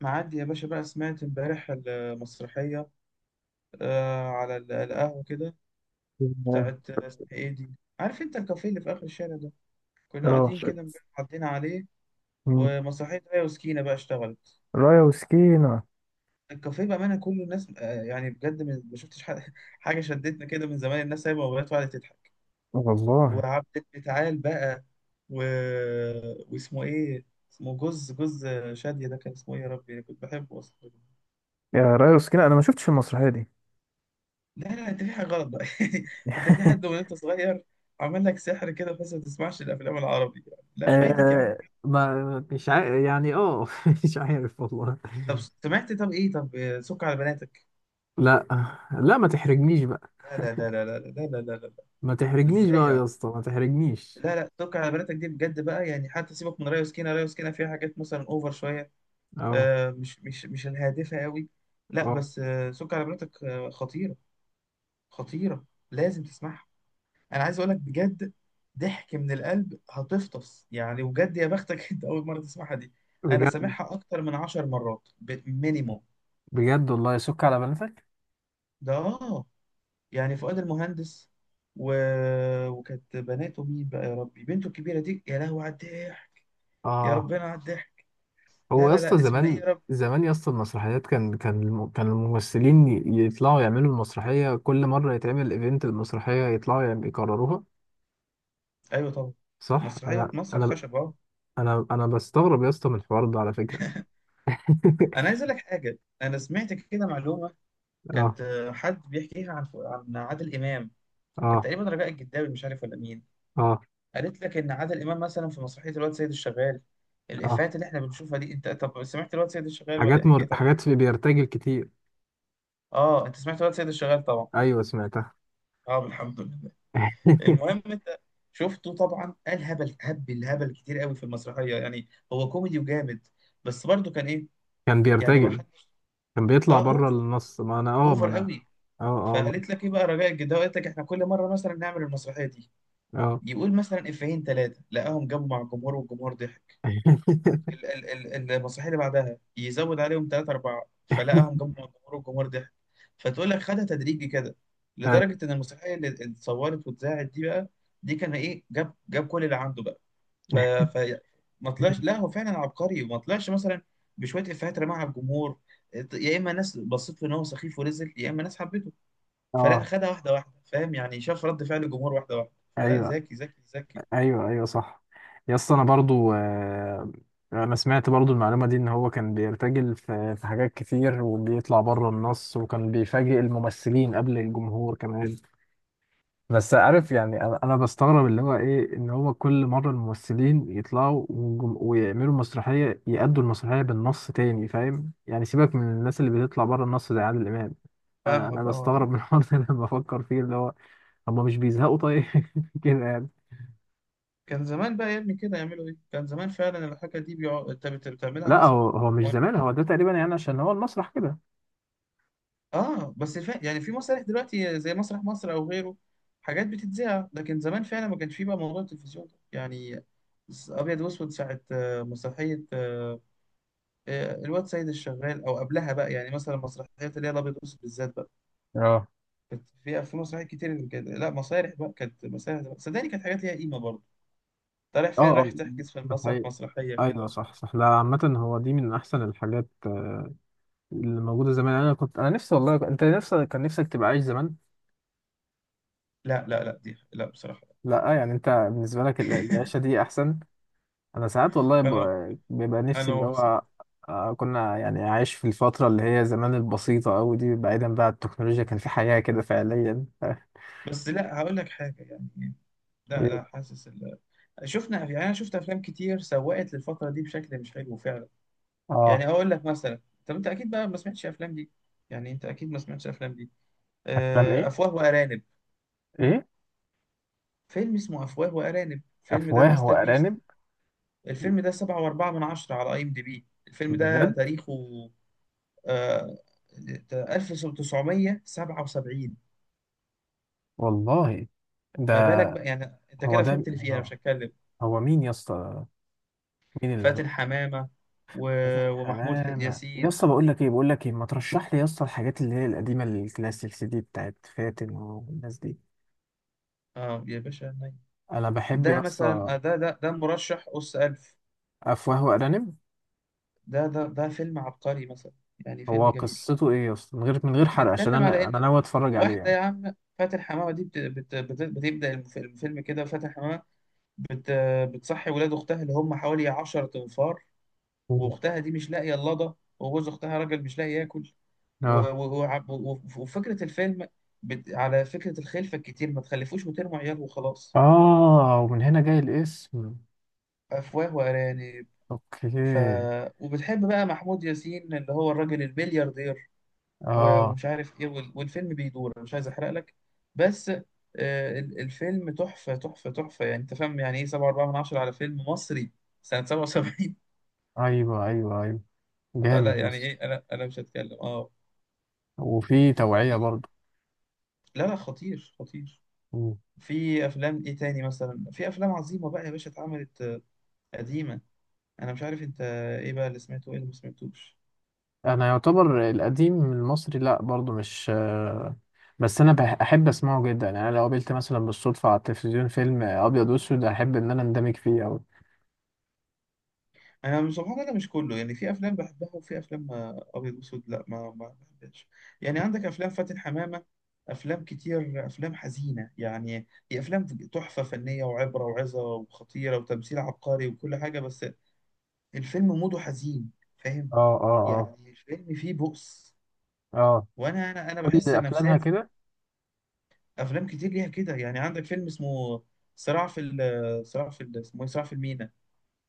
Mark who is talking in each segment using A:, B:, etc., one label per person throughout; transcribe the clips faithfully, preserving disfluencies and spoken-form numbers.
A: معدي يا باشا بقى، سمعت امبارح المسرحية آه على ال- القهوة كده بتاعت، آه، اسمها ايه دي؟ عارف انت الكافيه اللي في آخر الشارع ده؟ كنا
B: اه
A: قاعدين كده امبارح، عدينا عليه
B: مم.
A: ومسرحية آية وسكينة بقى اشتغلت.
B: رايا وسكينة.
A: الكافيه بأمانة كله، الناس آه يعني بجد من- ما شفتش حاجة، حاجة شدتنا كده من زمان. الناس سايبة موبايلات وقعدت تضحك.
B: والله
A: وعبد تعال بقى و... واسمه ايه؟ اسمه جوز جوز شادية، ده كان اسمه ايه يا ربي؟ كنت بحبه أصلا.
B: يا رايا وسكينة أنا ما شفتش المسرحية دي.
A: لا لا، انت في حاجه غلط بقى. انت في حد وانت صغير عمل لك سحر كده، بس ما تسمعش الافلام العربي. لا فايتك يا عم.
B: آه ما مش عارف يعني اه مش عارف والله.
A: طب سمعت؟ طب ايه؟ طب، آه، سك على بناتك.
B: لا، لا ما تحرجنيش بقى،
A: لا لا لا لا لا لا لا لا لا لا.
B: ما تحرجنيش
A: ازاي
B: بقى يا
A: يعني؟
B: اسطى، ما تحرجنيش.
A: لا لا، سك على بناتك دي بجد بقى يعني. حتى سيبك من ريا وسكينه، ريا وسكينه فيها حاجات مثلا اوفر شويه.
B: اه
A: آه، مش مش مش الهادفه قوي، لا.
B: اه
A: بس آه، سك على بناتك آه، خطيره، خطيره. لازم تسمعها. انا عايز اقول لك بجد، ضحك من القلب هتفطس يعني، وجد يا بختك. انت اول مره تسمعها دي؟ انا
B: بجد،
A: سامعها اكتر من عشر مرات، مينيموم.
B: بجد والله سك على بنفك.
A: ده اه، يعني فؤاد المهندس و... وكانت بناته مين بقى يا ربي؟ بنته الكبيره دي يا لهوي على الضحك، يا
B: اه
A: ربنا على الضحك. لا
B: هو يا
A: لا
B: اسطى
A: لا، اسمها ايه
B: زمان،
A: يا رب؟
B: زمان يا اسطى المسرحيات كان كان الم- كان الممثلين ي- يطلعوا يعملوا المسرحية، كل مرة يتعمل ايفنت المسرحية يطلعوا يعم- يكرروها.
A: ايوه طبعا،
B: صح،
A: مسرحيه
B: انا
A: مسرح
B: انا
A: خشب اه.
B: انا انا بستغرب يا اسطى من الحوار ده على فكره.
A: انا عايز اقول لك حاجه، انا سمعت كده معلومه.
B: اه
A: كانت، آه، حد بيحكيها عن عن عادل امام. كان
B: اه
A: تقريبا رجاء الجداوي، مش عارف ولا مين.
B: اه
A: قالت لك ان عادل امام مثلا في مسرحيه الواد سيد الشغال،
B: اه
A: الافيهات اللي احنا بنشوفها دي. انت طب سمعت الواد سيد الشغال ولا ايه
B: حاجات مر...
A: حكايتها معاك؟
B: حاجات في بيرتجل كتير.
A: اه انت سمعت الواد سيد الشغال طبعا.
B: ايوه سمعتها.
A: اه الحمد لله. المهم انت شفته طبعا، قال هبل هبل هبل كتير قوي في المسرحيه يعني. هو كوميدي وجامد. بس برضه كان ايه
B: كان
A: يعني، ما
B: بيرتجل،
A: حدش.
B: كان بيطلع
A: اه
B: بره
A: اوفر،
B: النص. ما انا اه ما
A: اوفر
B: انا
A: قوي.
B: اه اه ما...
A: فقالت لك ايه بقى رجاء الجداوي؟ قالت لك احنا كل مره مثلا نعمل المسرحيه دي،
B: اه
A: يقول مثلا افيهين ثلاثه لقاهم جابوا مع الجمهور والجمهور ضحك. ال- ال- ال- المسرحيه اللي بعدها يزود عليهم ثلاثة أربعة، فلقاهم جمعوا الجمهور والجمهور ضحك. فتقول لك خدها تدريجي كده،
B: أيوة.
A: لدرجة إن المسرحية اللي اللي اتصورت واتذاعت دي بقى، دي كان إيه، جاب جاب كل اللي عنده بقى. ف, ف... ما طلعش، لا هو فعلا عبقري، ما طلعش مثلا بشوية إفيهات رماها على الجمهور، يا إما ناس بصيت له إن هو سخيف ونزل، يا إما ناس حبته. فلا،
B: اه
A: خدها واحدة واحدة، فاهم يعني، شاف رد فعل الجمهور واحدة واحدة. فلا
B: ايوه،
A: ذكي ذكي ذكي.
B: ايوه، ايوه، صح. يا اسطى انا برضو، آه، انا سمعت برضو المعلومه دي ان هو كان بيرتجل في في حاجات كتير، وبيطلع بره النص، وكان بيفاجئ الممثلين قبل الجمهور كمان. بس عارف يعني، انا انا بستغرب اللي هو ايه، ان هو كل مره الممثلين يطلعوا وجم- ويعملوا مسرحيه، يأدوا المسرحيه بالنص تاني، فاهم يعني؟ سيبك من الناس اللي بتطلع بره النص زي عادل امام. انا انا
A: فاهمك
B: بستغرب
A: اه.
B: من الحوار ده لما بفكر فيه، اللي هو هم مش بيزهقوا طيب؟ كده يعني.
A: كان زمان بقى يا ابني كده يعملوا ايه، كان زمان فعلا الحاجه دي بيقعد، انت بت- بتعملها
B: لا، هو
A: مسرح.
B: هو مش زمان، هو ده تقريبا يعني، عشان هو المسرح كده.
A: اه بس فا... يعني في مسارح دلوقتي زي مسرح مصر او غيره، حاجات بتتذاع. لكن زمان فعلا ما كانش فيه بقى موضوع التلفزيون ده يعني. س- ابيض واسود ساعه، آه، مسرحيه، آه، الواد سيد الشغال او قبلها بقى، يعني مثلا مسرحيات اللي هي الابيض واسود بالذات بقى
B: اه
A: كانت في، في مسرحيات كتير كده. لا مسارح بقى، كانت مسارح بقى. صدقني كانت حاجات ليها قيمه برضه. انت رايح فين؟
B: اه اه
A: رايح تحجز في
B: ده
A: المسرح
B: حقيقي.
A: مسرحيه
B: ايوه
A: كده.
B: صح، صح. لا عامة هو دي من احسن الحاجات آه، اللي موجودة زمان. انا كنت انا نفسي والله، انت نفسك كان نفسك تبقى عايش زمان.
A: لا لا لا دي، لا بصراحه.
B: لا يعني انت بالنسبه لك ال- العيشه دي احسن. انا ساعات والله
A: انا،
B: ب- بيبقى نفسي
A: انا
B: اللي
A: مبسوط.
B: هو آه، كنا يعني عايش في الفتره اللي هي زمان البسيطه قوي دي، بعيدا بقى عن التكنولوجيا، كان في حياه كده فعليا. ف-
A: بس لا هقول لك حاجه يعني، لا لا
B: ايه؟
A: حاسس ال... شفنا يعني، انا شفت افلام كتير سوقت للفتره دي بشكل مش حلو فعلا.
B: اه
A: يعني اقول لك مثلا، طب انت اكيد بقى ما سمعتش افلام دي، يعني انت اكيد ما سمعتش افلام دي،
B: افلام
A: آه،
B: ايه؟
A: افواه وارانب.
B: ايه؟
A: فيلم اسمه افواه وارانب، الفيلم ده
B: افواه
A: ماستر بيس.
B: وارانب؟
A: الفيلم ده سبعة وأربعة من عشرة على اي ام دي بي، الفيلم ده
B: بجد؟
A: تاريخه آه، ألف وتسعمية سبعة وسبعين.
B: والله. ده
A: ما بالك بقى يعني؟ انت
B: هو
A: كده
B: ده،
A: فهمت اللي فيه، انا مش
B: آه،
A: هتكلم.
B: هو مين يا اسطى؟ مين اللي عمل؟
A: فاتن حمامة و...
B: حسن
A: ومحمود ح-
B: حمامة. يا
A: ياسين.
B: اسطى بقول لك ايه، بقول لك ايه، ما ترشح لي يا اسطى الحاجات اللي هي القديمه الكلاسيك سي دي بتاعت فاتن والناس دي.
A: اه يا باشا نايم.
B: انا بحب يا
A: ده مثلا،
B: اسطى
A: آه، ده ده ده مرشح أس ألف،
B: افواه وارانب.
A: ده ده ده فيلم عبقري مثلا، يعني فيلم
B: هو
A: جميل.
B: قصته ايه يا اسطى، من غير من غير حرق، عشان
A: بيتكلم على
B: انا انا
A: إن
B: ناوي اتفرج عليه
A: واحدة،
B: يعني.
A: يا عم فاتن حمامة دي بت... بت... بت... بتبدأ الف- الفيلم كده. فاتن حمامة بت... بتصحي ولاد أختها اللي هم حوالي عشرة أنفار،
B: مم.
A: وأختها دي مش لاقية اللضا، وجوز أختها راجل مش لاقي ياكل، و...
B: اه
A: و... و... و... وفكرة الفيلم بت... على فكرة الخلفة الكتير، ما تخلفوش وترموا عيال وخلاص،
B: اه ومن هنا جاي الاسم.
A: أفواه وأرانب. ف...
B: اوكي.
A: وبتحب بقى محمود ياسين اللي هو الراجل البلياردير و-
B: اه
A: ومش عارف إيه، وال... والفيلم بيدور. أنا مش عايز أحرق لك. بس، آه، ال- الفيلم تحفة تحفة تحفة يعني. أنت فاهم يعني إيه سبعة أربعة من عشرة على فيلم مصري سنة سبعة وسبعين؟
B: ايوه، ايوه، ايوه،
A: فلا
B: جامد يا
A: يعني
B: اسطى.
A: إيه، أنا أنا مش هتكلم أه.
B: وفي توعية
A: في،
B: برضه.
A: لا لا، خطير خطير.
B: مم.
A: في أفلام إيه تاني مثلا؟ في أفلام عظيمة بقى يا باشا اتعملت، آه، قديمة. أنا مش عارف أنت إيه بقى اللي سمعته وإيه اللي ما سمعتوش.
B: انا يعتبر القديم المصري لا برضه مش آه، بس انا بح- احب اسمعه جدا يعني. أنا لو قابلت مثلا بالصدفة على التلفزيون فيلم ابيض واسود، احب ان انا اندمج فيه اوي.
A: انا مش- سبحان الله مش كله يعني، في افلام بحبها وفي افلام ما- ابيض واسود لا، ما ما بحبهاش. يعني عندك افلام فاتن حمامه، افلام كتير، افلام حزينه يعني. هي افلام تحفه فنيه وعبره وعظه وخطيره وتمثيل عبقري وكل حاجه، بس الفيلم موده حزين، فاهم
B: اه اه اه
A: يعني. الفيلم فيه بؤس،
B: اه
A: وانا انا انا
B: كل
A: بحس
B: افلامها
A: نفسيا.
B: كده.
A: افلام كتير ليها كده. يعني عندك فيلم اسمه صراع في ال- صراع في ال- اسمه إيه؟ صراع في المينا.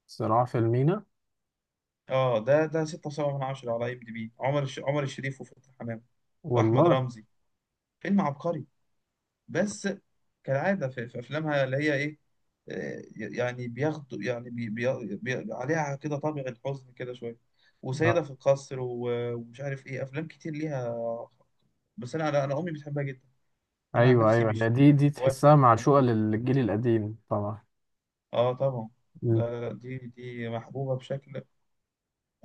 B: صراع في المينا.
A: اه ده ده ستة وسبعة من عشرة من عشرة على اي ام دي بي، عمر الش... عمر الشريف وفتحي حمامة واحمد
B: والله.
A: رمزي. فيلم عبقري، بس كالعادة في, في افلامها اللي هي ايه، آه، يعني بياخدوا يعني بي... بي... بي... عليها كده طابع الحزن كده شوية. وسيدة
B: اه
A: في القصر و... ومش عارف ايه، افلام كتير ليها. بس انا انا أنا امي بتحبها جدا. انا عن
B: ايوه،
A: نفسي
B: ايوه،
A: مش،
B: هي
A: مش
B: دي دي
A: هواية
B: تحسها
A: فتحي حمامة
B: معشوقة
A: بصراحة.
B: للجيل القديم طبعا.
A: اه طبعا. لا
B: مم.
A: لا لا، دي دي محبوبة بشكل.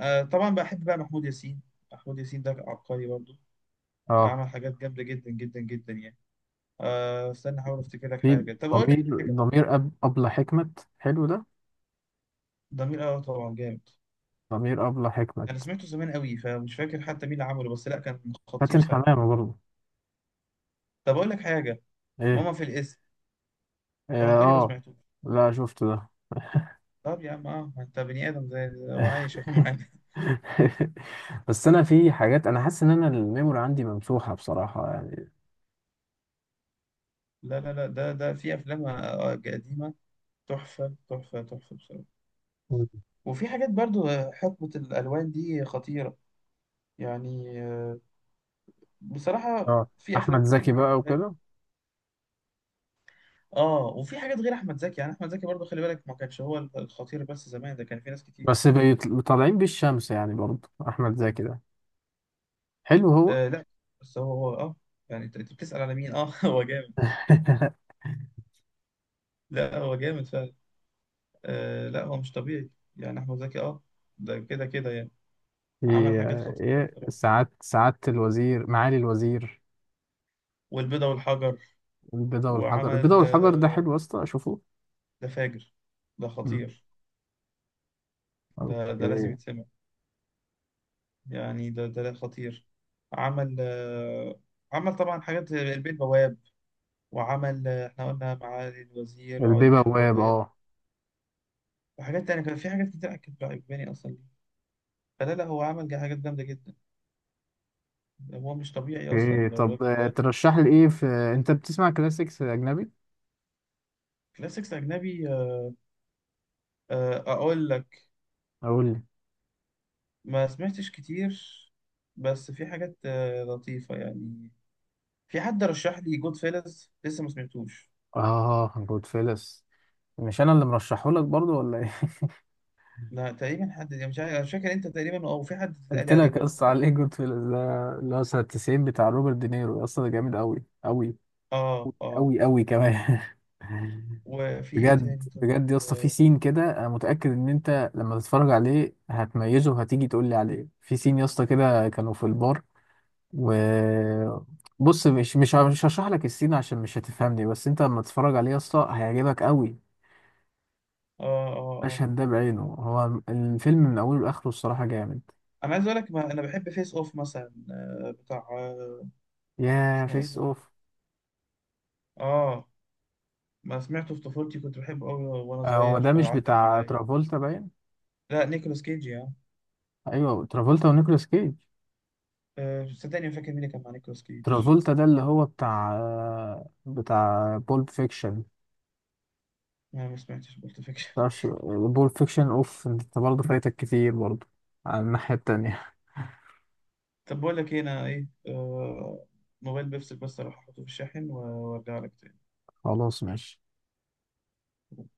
A: آه طبعا بحب بقى محمود ياسين. محمود ياسين ده عبقري برضه،
B: اه
A: عمل حاجات جامدة جدا جدا جدا يعني. آه استنى أحاول أفتكر لك
B: في
A: حاجة. طب أقول
B: ضمير
A: لك حاجة.
B: ضمير أب أبلة حكمت، حلو ده.
A: ضمير، أه طبعا جامد.
B: ضمير أبلة
A: أنا
B: حكمت.
A: سمعته زمان قوي فمش فاكر حتى مين اللي عمله، بس لأ كان خطير
B: فاتن
A: ساعتها.
B: حمامة برضه.
A: طب أقول لك حاجة،
B: ايه؟
A: ماما في الاسم.
B: اه
A: طب تقولي ما
B: آه.
A: سمعتوش.
B: لا شفت ده.
A: طب يا عم أه، ما أنت بني آدم زي وعايش أهو معانا.
B: بس انا في حاجات انا حاسس ان انا الميموري عندي ممسوحة بصراحة يعني.
A: لا لا لا، ده ده في أفلام، آه، قديمة، تحفة تحفة تحفة بصراحة.
B: مم.
A: وفي حاجات برضو، آه، حقبة الألوان دي خطيرة يعني. آه، بصراحة
B: اه
A: في أفلام
B: احمد
A: كتير
B: زكي
A: ما
B: بقى
A: حبيتهاش.
B: وكده.
A: اه وفي حاجات غير احمد زكي يعني. احمد زكي برضه خلي بالك ما كانش هو الخطير بس، زمان ده كان في ناس كتير.
B: بس بيطل- طالعين بالشمس يعني برضه احمد زكي ده، حلو هو.
A: آه لا بس هو هو اه، يعني انت أنت بتسأل على مين اه؟ هو جامد. لا هو جامد فعلا. آه لا هو مش طبيعي يعني، احمد زكي اه، ده كده كده يعني عمل
B: ايه؟
A: حاجات خطيرة
B: ايه؟
A: بصراحة.
B: سعادة، سعادة الوزير، معالي الوزير،
A: والبيضة والحجر،
B: البيضة والحجر.
A: وعمل
B: البيضة والحجر ده
A: آه،
B: حلو يا اسطى، اشوفه.
A: ده فاجر، ده
B: مم.
A: خطير، ده ده لازم
B: اوكي.
A: يتسمع. يعني ده ده لا خطير. عمل آه، عمل طبعا حاجات زي البيه البواب. وعمل، آه، احنا قلنا معالي الوزير، وعلبة
B: البيبواب.
A: البواب،
B: اه
A: وحاجات تانية كان في حاجات كتير كانت عجباني اصلا ليه. فلا لا، هو عمل جا- حاجات جامدة جدا. هو مش طبيعي اصلا
B: اوكي. طب
A: الراجل
B: آه،
A: ده.
B: ترشح لي ايه في، انت بتسمع كلاسيكس اجنبي؟
A: كلاسيكس اجنبي، آه، آه، اقول لك.
B: اقول لي.
A: ما سمعتش كتير بس في حاجات، آه، لطيفة يعني. في حد رشح لي جود فيلز لسه ما سمعتوش.
B: اه جود فيلس. مش انا اللي مرشحه لك برضو، ولا ايه؟
A: لا تقريبا حد يعني مش عارف، مش فاكر انت تقريبا او في حد اتقال
B: قلت
A: لي عليه
B: لك يا
A: برضه
B: اسطى
A: تاني.
B: على ايه؟ جود فيلس ده اللي هو سنة تسعين، بتاع روبرت دينيرو. يا اسطى ده جامد قوي، قوي
A: اه
B: قوي
A: اه.
B: قوي قوي كمان.
A: وفي ايه
B: بجد،
A: تاني طيب؟
B: بجد يا اسطى، في
A: اه
B: سين كده انا متاكد ان انت لما تتفرج عليه هتميزه، وهتيجي تقول لي عليه. في سين يا اسطى كده كانوا في البار، و بص، مش مش مش هشرح لك السين عشان مش هتفهمني، بس انت لما تتفرج عليه يا اسطى هيعجبك قوي.
A: اه اه آه.
B: المشهد ده بعينه، هو الفيلم من اوله لاخره الصراحه جامد.
A: انا عايز اقول لك، ما انا بحب فيس اوف مثلا، آه، بتاع، آه،
B: يا
A: اسمه ايه
B: فيس
A: ده؟
B: اوف؟
A: اه ما سمعته في طفولتي، كنت بحبه قوي وانا
B: آه، هو
A: صغير
B: ده مش
A: فعلق
B: بتاع
A: معايا.
B: ترافولتا باين؟
A: لا نيكولاس كيج يا،
B: ايوه، ترافولتا ونيكولاس كيج.
A: آه، صدقني ما فاكر مين اللي كان مع نيكولاس كيج.
B: ترافولتا ده اللي هو بتاع آه، بتاع بولب فيكشن.
A: انا ما سمعتش بولت فيكشن.
B: متعرفش. بول فيكشن اوف، انت برضه فايتك كتير برضه على الناحية التانية.
A: طب بقول لك ايه؟ انا ايه آه، موبايل بيفصل، بس اروح احطه في الشاحن وارجع لك تاني.
B: خلاص ماشي.